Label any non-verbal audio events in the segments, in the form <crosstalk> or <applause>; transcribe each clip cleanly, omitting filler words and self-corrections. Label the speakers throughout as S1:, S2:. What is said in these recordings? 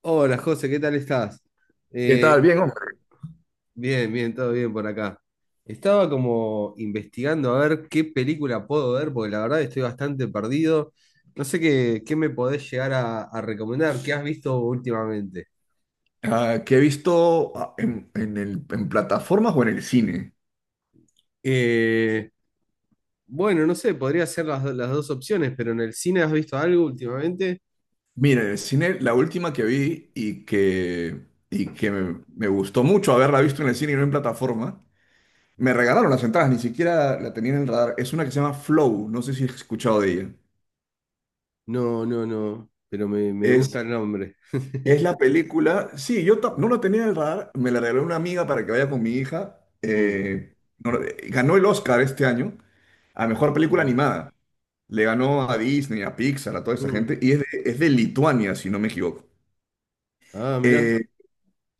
S1: Hola José, ¿qué tal estás?
S2: ¿Qué tal?
S1: Eh,
S2: Bien, hombre.
S1: bien, bien, todo bien por acá. Estaba como investigando a ver qué película puedo ver, porque la verdad estoy bastante perdido. No sé qué me podés llegar a recomendar, qué has visto últimamente.
S2: ¿Qué he visto en, en plataformas o en el cine?
S1: Eh, bueno, no sé, podría ser las dos opciones, pero en el cine has visto algo últimamente.
S2: Mira, en el cine la última que vi y que me gustó mucho haberla visto en el cine y no en plataforma, me regalaron las entradas, ni siquiera la tenía en el radar. Es una que se llama Flow, no sé si has escuchado de ella.
S1: No, no, no, pero me gusta
S2: Es,
S1: el nombre.
S2: es la
S1: <laughs>
S2: película, sí, yo no la tenía en el radar, me la regaló una amiga para que vaya con mi hija.
S1: Mm,
S2: Ganó el Oscar este año a mejor película
S1: sí.
S2: animada. Le ganó a Disney, a Pixar, a toda esa
S1: Mm.
S2: gente. Y es de Lituania, si no me equivoco.
S1: Ah, mirá.
S2: Eh,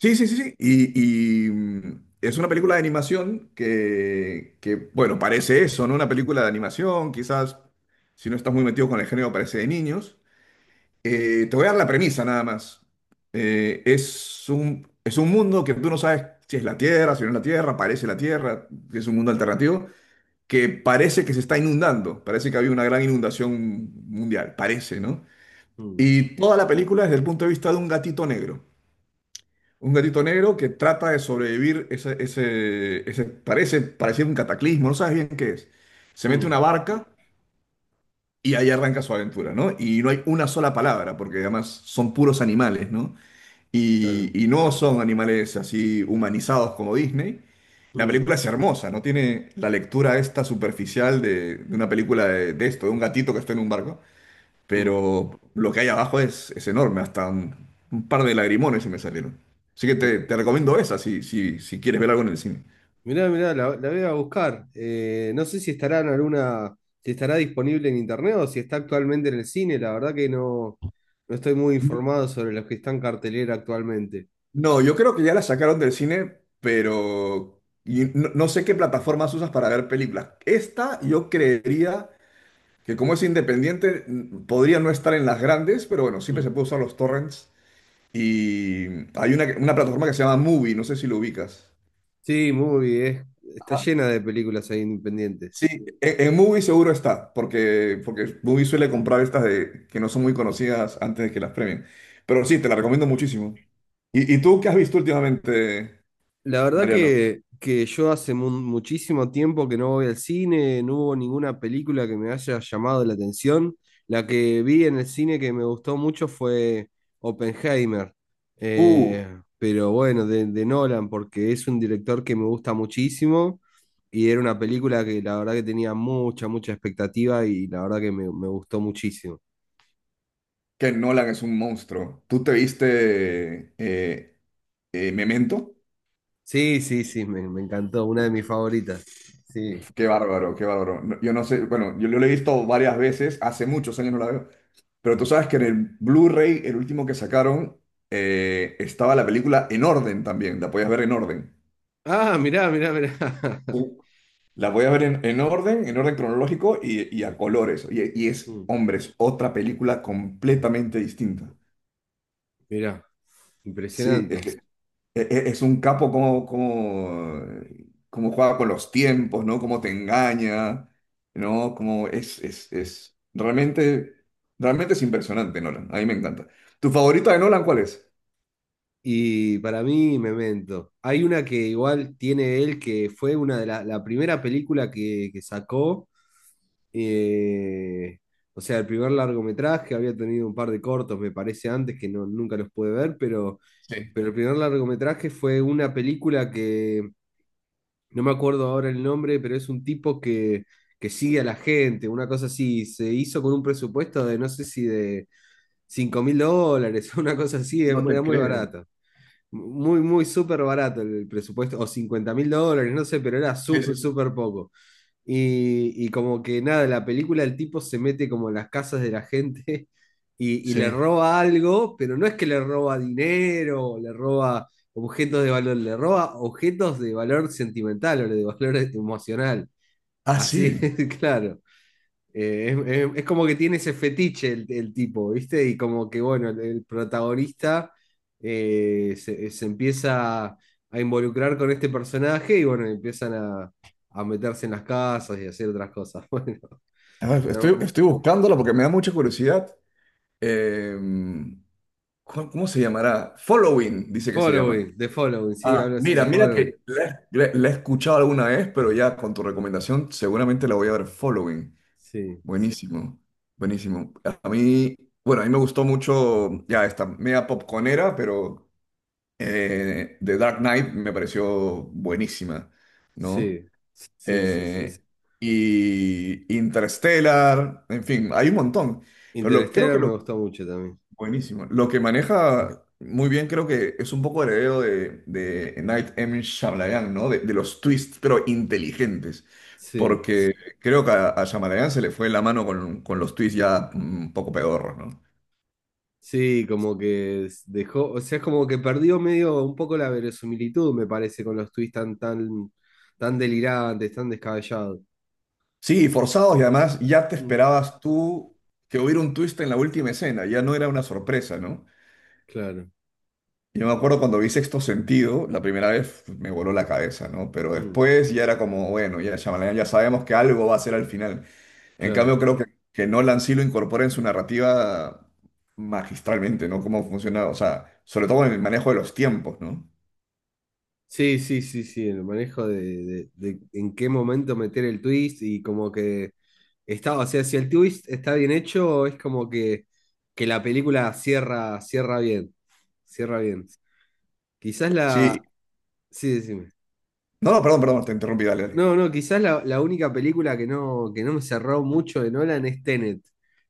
S2: sí, sí, sí, sí. Y, es una película de animación que, bueno, parece eso, ¿no? Una película de animación, quizás, si no estás muy metido con el género, parece de niños. Te voy a dar la premisa nada más. Es un mundo que tú no sabes si es la Tierra, si no es la Tierra, parece la Tierra, es un mundo alternativo, que parece que se está inundando, parece que había una gran inundación mundial, parece, ¿no?
S1: Mm,
S2: Y toda la película desde el punto de vista de un gatito negro. Un gatito negro que trata de sobrevivir ese, ese, parece, parece un cataclismo, no sabes bien qué es. Se mete una
S1: mm,
S2: barca y ahí arranca su aventura, ¿no? Y no hay una sola palabra, porque además son puros animales, ¿no?
S1: claro.
S2: Y no son animales así humanizados como Disney. La
S1: Mm,
S2: película es hermosa, no tiene la lectura esta superficial de una película de esto, de un gatito que está en un barco,
S1: mm.
S2: pero lo que hay abajo es enorme, hasta un par de lagrimones se me salieron. Así que
S1: Mi-
S2: te recomiendo esa si, si, si quieres ver algo en el cine.
S1: Mirá, mirá, la voy a buscar. No sé si estará en alguna, si estará disponible en internet o si está actualmente en el cine. La verdad que no, no estoy muy informado sobre los que están en cartelera actualmente.
S2: No, yo creo que ya la sacaron del cine, pero y no, no sé qué plataformas usas para ver películas. Esta yo creería que como es independiente, podría no estar en las grandes, pero bueno, siempre se
S1: Mm.
S2: puede usar los torrents. Y hay una plataforma que se llama Movie, no sé si lo ubicas.
S1: Sí, está llena de películas ahí independientes.
S2: Sí, en Mubi seguro está, porque, porque Mubi suele comprar estas de, que no son muy conocidas antes de que las premien. Pero sí, te la recomiendo muchísimo. Y tú qué has visto últimamente,
S1: La verdad
S2: Mariano?
S1: que yo hace muchísimo tiempo que no voy al cine, no hubo ninguna película que me haya llamado la atención. La que vi en el cine que me gustó mucho fue Oppenheimer.
S2: Uh,
S1: Pero bueno, de Nolan, porque es un director que me gusta muchísimo y era una película que la verdad que tenía mucha, mucha expectativa y la verdad que me gustó muchísimo.
S2: que Nolan es un monstruo. ¿Tú te viste Memento?
S1: Sí, sí, sí, me encantó, una de mis favoritas. Sí.
S2: Qué bárbaro, qué bárbaro. Yo no sé, bueno, yo lo he visto varias veces, hace muchos años no la veo, pero tú sabes que en el Blu-ray, el último que sacaron, estaba la película en orden también, la podías ver en orden.
S1: Ah, mirá, mirá, mirá. <laughs>
S2: La voy a ver en orden cronológico y a colores. Y es,
S1: Mm.
S2: hombre, es otra película completamente distinta.
S1: Mirá,
S2: Sí, es que
S1: impresionante.
S2: es un capo como, como, como juega con los tiempos, ¿no? Cómo te engaña, ¿no? Como es realmente, realmente es impresionante, Nolan. A mí me encanta. ¿Tu favorita de Nolan cuál es?
S1: Y para mí, Memento. Hay una que igual tiene él, que fue una de la primera película que sacó. eh, o sea, el primer largometraje, había tenido un par de cortos, me parece, antes, que no, nunca los pude ver, pero,
S2: Sí.
S1: el primer largometraje fue una película que no me acuerdo ahora el nombre, pero es un tipo que sigue a la gente, una cosa así, se hizo con un presupuesto de no sé si de $5000, <laughs> una cosa así,
S2: No te
S1: era muy
S2: creo.
S1: barato. Muy, muy súper barato el presupuesto, o $50.000, no sé, pero era
S2: Sí, sí,
S1: súper,
S2: sí.
S1: súper poco. Y como que nada, en la película el tipo se mete como en las casas de la gente <laughs> y le
S2: Sí.
S1: roba algo, pero no es que le roba dinero, o le roba objetos de valor, le roba objetos de valor sentimental o de valor emocional.
S2: Ah,
S1: Así,
S2: sí.
S1: <laughs> claro. Es como que tiene ese fetiche el tipo, ¿viste? Y como que, bueno, el protagonista se empieza a involucrar con este personaje y, bueno, empiezan a meterse en las casas y a hacer otras cosas. <laughs> Bueno,
S2: A ver,
S1: pero,
S2: estoy, estoy buscándola porque me da mucha curiosidad. Em, ¿Cómo cómo se llamará? Following, dice que se llama.
S1: The Following, sí,
S2: Ah,
S1: hablo así,
S2: mira,
S1: The
S2: mira
S1: Following.
S2: que la, la he escuchado alguna vez, pero ya con tu recomendación seguramente la voy a ver. Following.
S1: Sí,
S2: Buenísimo, buenísimo. A mí, bueno, a mí me gustó mucho ya esta media popconera, pero The Dark Knight me pareció buenísima, ¿no?
S1: sí, sí, sí,
S2: Eh,
S1: sí.
S2: y Interstellar, en fin, hay un montón. Pero creo
S1: Interstellar
S2: que
S1: me
S2: lo...
S1: gustó mucho también.
S2: Buenísimo. Lo que maneja muy bien creo que es un poco heredero de Night M. Shyamalan, ¿no? De los twists, pero inteligentes.
S1: Sí.
S2: Porque creo que a Shyamalan se le fue la mano con los twists ya un poco pedorros, ¿no?
S1: Sí, como que dejó, o sea, es como que perdió medio un poco la verosimilitud, me parece, con los tweets tan, tan, tan delirantes, tan descabellados.
S2: Sí, forzados y además ya te
S1: Mm,
S2: esperabas tú que hubiera un twist en la última escena, ya no era una sorpresa, ¿no?
S1: claro,
S2: Yo me acuerdo cuando vi Sexto Sentido, la primera vez me voló la cabeza, ¿no? Pero
S1: mm,
S2: después ya era como, bueno, ya Shyamalan ya sabemos que algo va a ser al final. En
S1: claro.
S2: cambio, creo que Nolan sí lo incorpora en su narrativa magistralmente, ¿no? Cómo funciona, o sea, sobre todo en el manejo de los tiempos, ¿no?
S1: Sí, sí, sí, sí, el manejo de en qué momento meter el twist y como que está, o sea, si el twist está bien hecho, es como que la película cierra, cierra bien, cierra bien. Quizás
S2: Sí.
S1: la... Sí, decime.
S2: No, no, perdón, perdón, te interrumpí, dale, dale.
S1: No, no, quizás la única película que no me cerró mucho de Nolan es Tenet.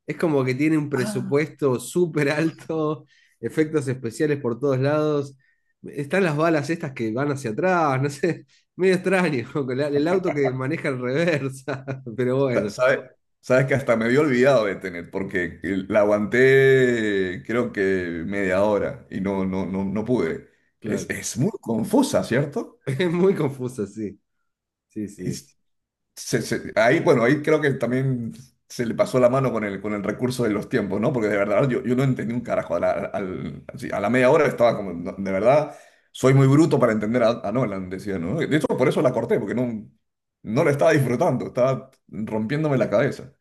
S1: Es como que tiene un
S2: Ah,
S1: presupuesto súper alto, efectos especiales por todos lados. Están las balas estas que van hacia atrás, no sé, medio extraño, <laughs> con el auto que maneja en reversa, <laughs> pero
S2: Sa-
S1: bueno,
S2: sabe- sabes que hasta me había olvidado de tener, porque la aguanté creo que media hora y no, no, no, no pude.
S1: claro.
S2: Es
S1: <laughs>
S2: muy confusa, ¿cierto?
S1: Es muy confusa, sí, sí,
S2: Y
S1: sí.
S2: ahí, bueno, ahí creo que también se le pasó la mano con el recurso de los tiempos, ¿no? Porque de verdad yo, yo no entendí un carajo. A la, así, a la media hora estaba como, "No, de verdad, soy muy bruto para entender a Nolan", decía, ¿no? De hecho, por eso la corté, porque no, no la estaba disfrutando, estaba rompiéndome la cabeza.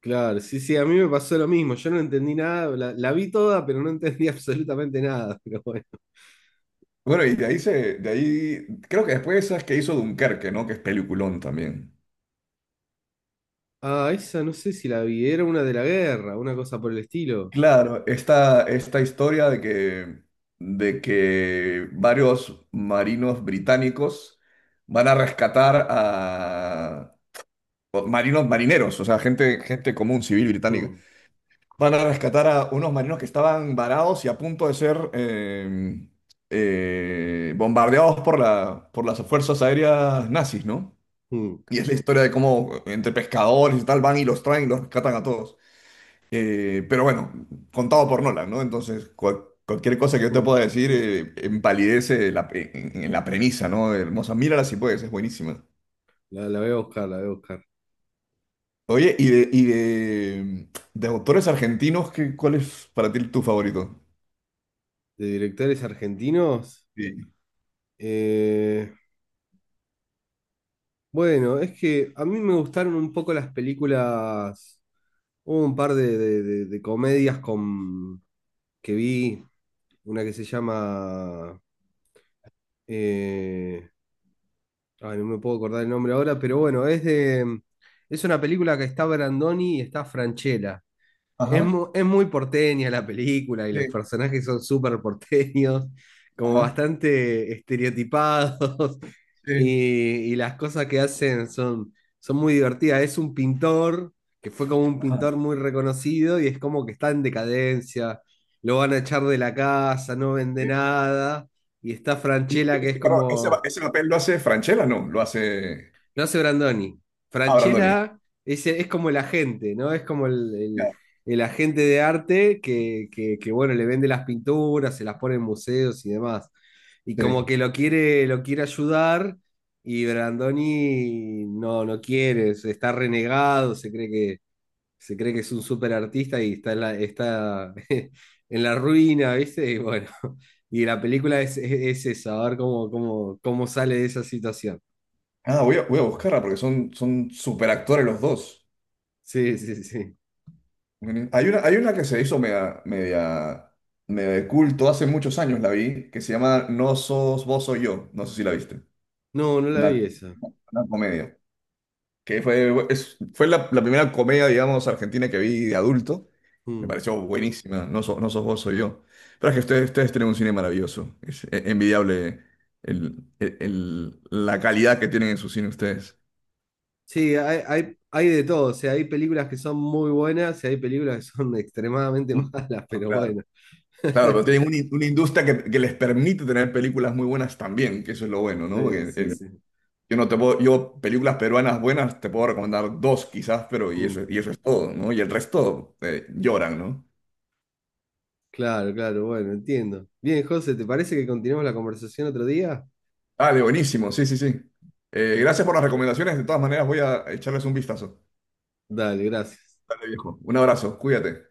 S1: Claro, sí, sí, a mí me pasó lo mismo, yo no entendí nada, la vi toda, pero no entendí <laughs> absolutamente nada, pero bueno.
S2: Bueno, y de ahí se, de ahí, creo que después esas que hizo Dunkerque, ¿no? Que es peliculón también.
S1: Ah, esa no sé si la vi, era una de la guerra, una cosa por el estilo.
S2: Claro, esta historia de que varios marinos británicos van a rescatar a o marinos marineros, o sea, gente, gente común, civil británica,
S1: Mm,
S2: van a rescatar a unos marinos que estaban varados y a punto de ser bombardeados por la, por las fuerzas aéreas nazis, ¿no?
S1: mm,
S2: Y es la historia de cómo entre pescadores y tal van y los traen y los rescatan a todos. Pero bueno, contado por Nolan, ¿no? Entonces, cualquier cosa que yo te
S1: mm.
S2: pueda decir empalidece la en la premisa, ¿no? Hermosa, mírala si puedes, es buenísima.
S1: La voy a buscar, la voy a buscar.
S2: Oye, y de autores argentinos, qué, cuál es para ti tu favorito?
S1: ¿De directores argentinos?
S2: Sí.
S1: Eh, bueno, es que a mí me gustaron un poco las películas, hubo un par de comedias con, que vi, una que se llama... eh, ay, no me puedo acordar el nombre ahora, pero bueno, es de... Es una película que está Brandoni y está Franchella. Es
S2: Ajá.
S1: mu- es muy, porteña la película y los
S2: Sí.
S1: personajes son súper porteños, como
S2: Ajá.
S1: bastante estereotipados <laughs>
S2: Sí.
S1: y las cosas que hacen son muy divertidas. Es un pintor que fue como un
S2: Ajá.
S1: pintor muy reconocido y es como que está en decadencia, lo van a echar de la casa, no vende
S2: Sí.
S1: nada y está
S2: Y
S1: Franchella que es
S2: ese, perdón, ese,
S1: como
S2: ese papel lo hace Francella, ¿no? Lo hace
S1: no hace Brandoni.
S2: ah, Brandoni.
S1: Franchella es como el agente, ¿no? Es como el, el-
S2: Ya.
S1: el agente de arte que, bueno, le vende las pinturas, se las pone en museos y demás. Y como
S2: Sí.
S1: que lo quiere ayudar y Brandoni no, no quiere, está renegado, se cree que es un súper artista y está está <laughs> en la ruina, ¿viste? Y bueno, y la película es eso, a ver cómo sale de esa situación.
S2: Ah, voy a, voy a buscarla porque son, son superactores los dos.
S1: Sí, sí, sí.
S2: Bueno, hay una, hay una que se hizo media, media, media de culto hace muchos años, la vi, que se llama No sos vos, soy yo. No sé si la viste.
S1: No, no la
S2: Una,
S1: vi esa.
S2: una comedia. Que fue, fue la, la primera comedia, digamos, argentina que vi de adulto. Me
S1: Mm.
S2: pareció buenísima. No, no sos vos, soy yo. Pero es que ustedes, ustedes tienen un cine maravilloso. Es envidiable la calidad que tienen en su cine ustedes.
S1: Sí, hay de todo. O sea, hay películas que son muy buenas y hay películas que son <laughs> extremadamente
S2: Mm.
S1: malas,
S2: Ah,
S1: pero
S2: claro.
S1: bueno.
S2: Claro, pero tienen
S1: <laughs>
S2: una, una industria que les permite tener películas muy buenas también, que eso es lo bueno, ¿no?
S1: Sí,
S2: Porque,
S1: sí, sí.
S2: yo no te puedo, yo películas peruanas buenas te puedo recomendar 2 quizás, pero
S1: Mm.
S2: y eso es todo, ¿no? Y el resto lloran, ¿no?
S1: Claro, claro, bueno, entiendo. Bien, José, ¿te parece que continuemos la conversación otro día?
S2: Dale, buenísimo, sí, sí, sí. Gracias por
S1: Perfecto.
S2: las recomendaciones, de todas maneras voy a echarles un vistazo.
S1: Dale, gracias.
S2: Dale, viejo. Un abrazo, cuídate.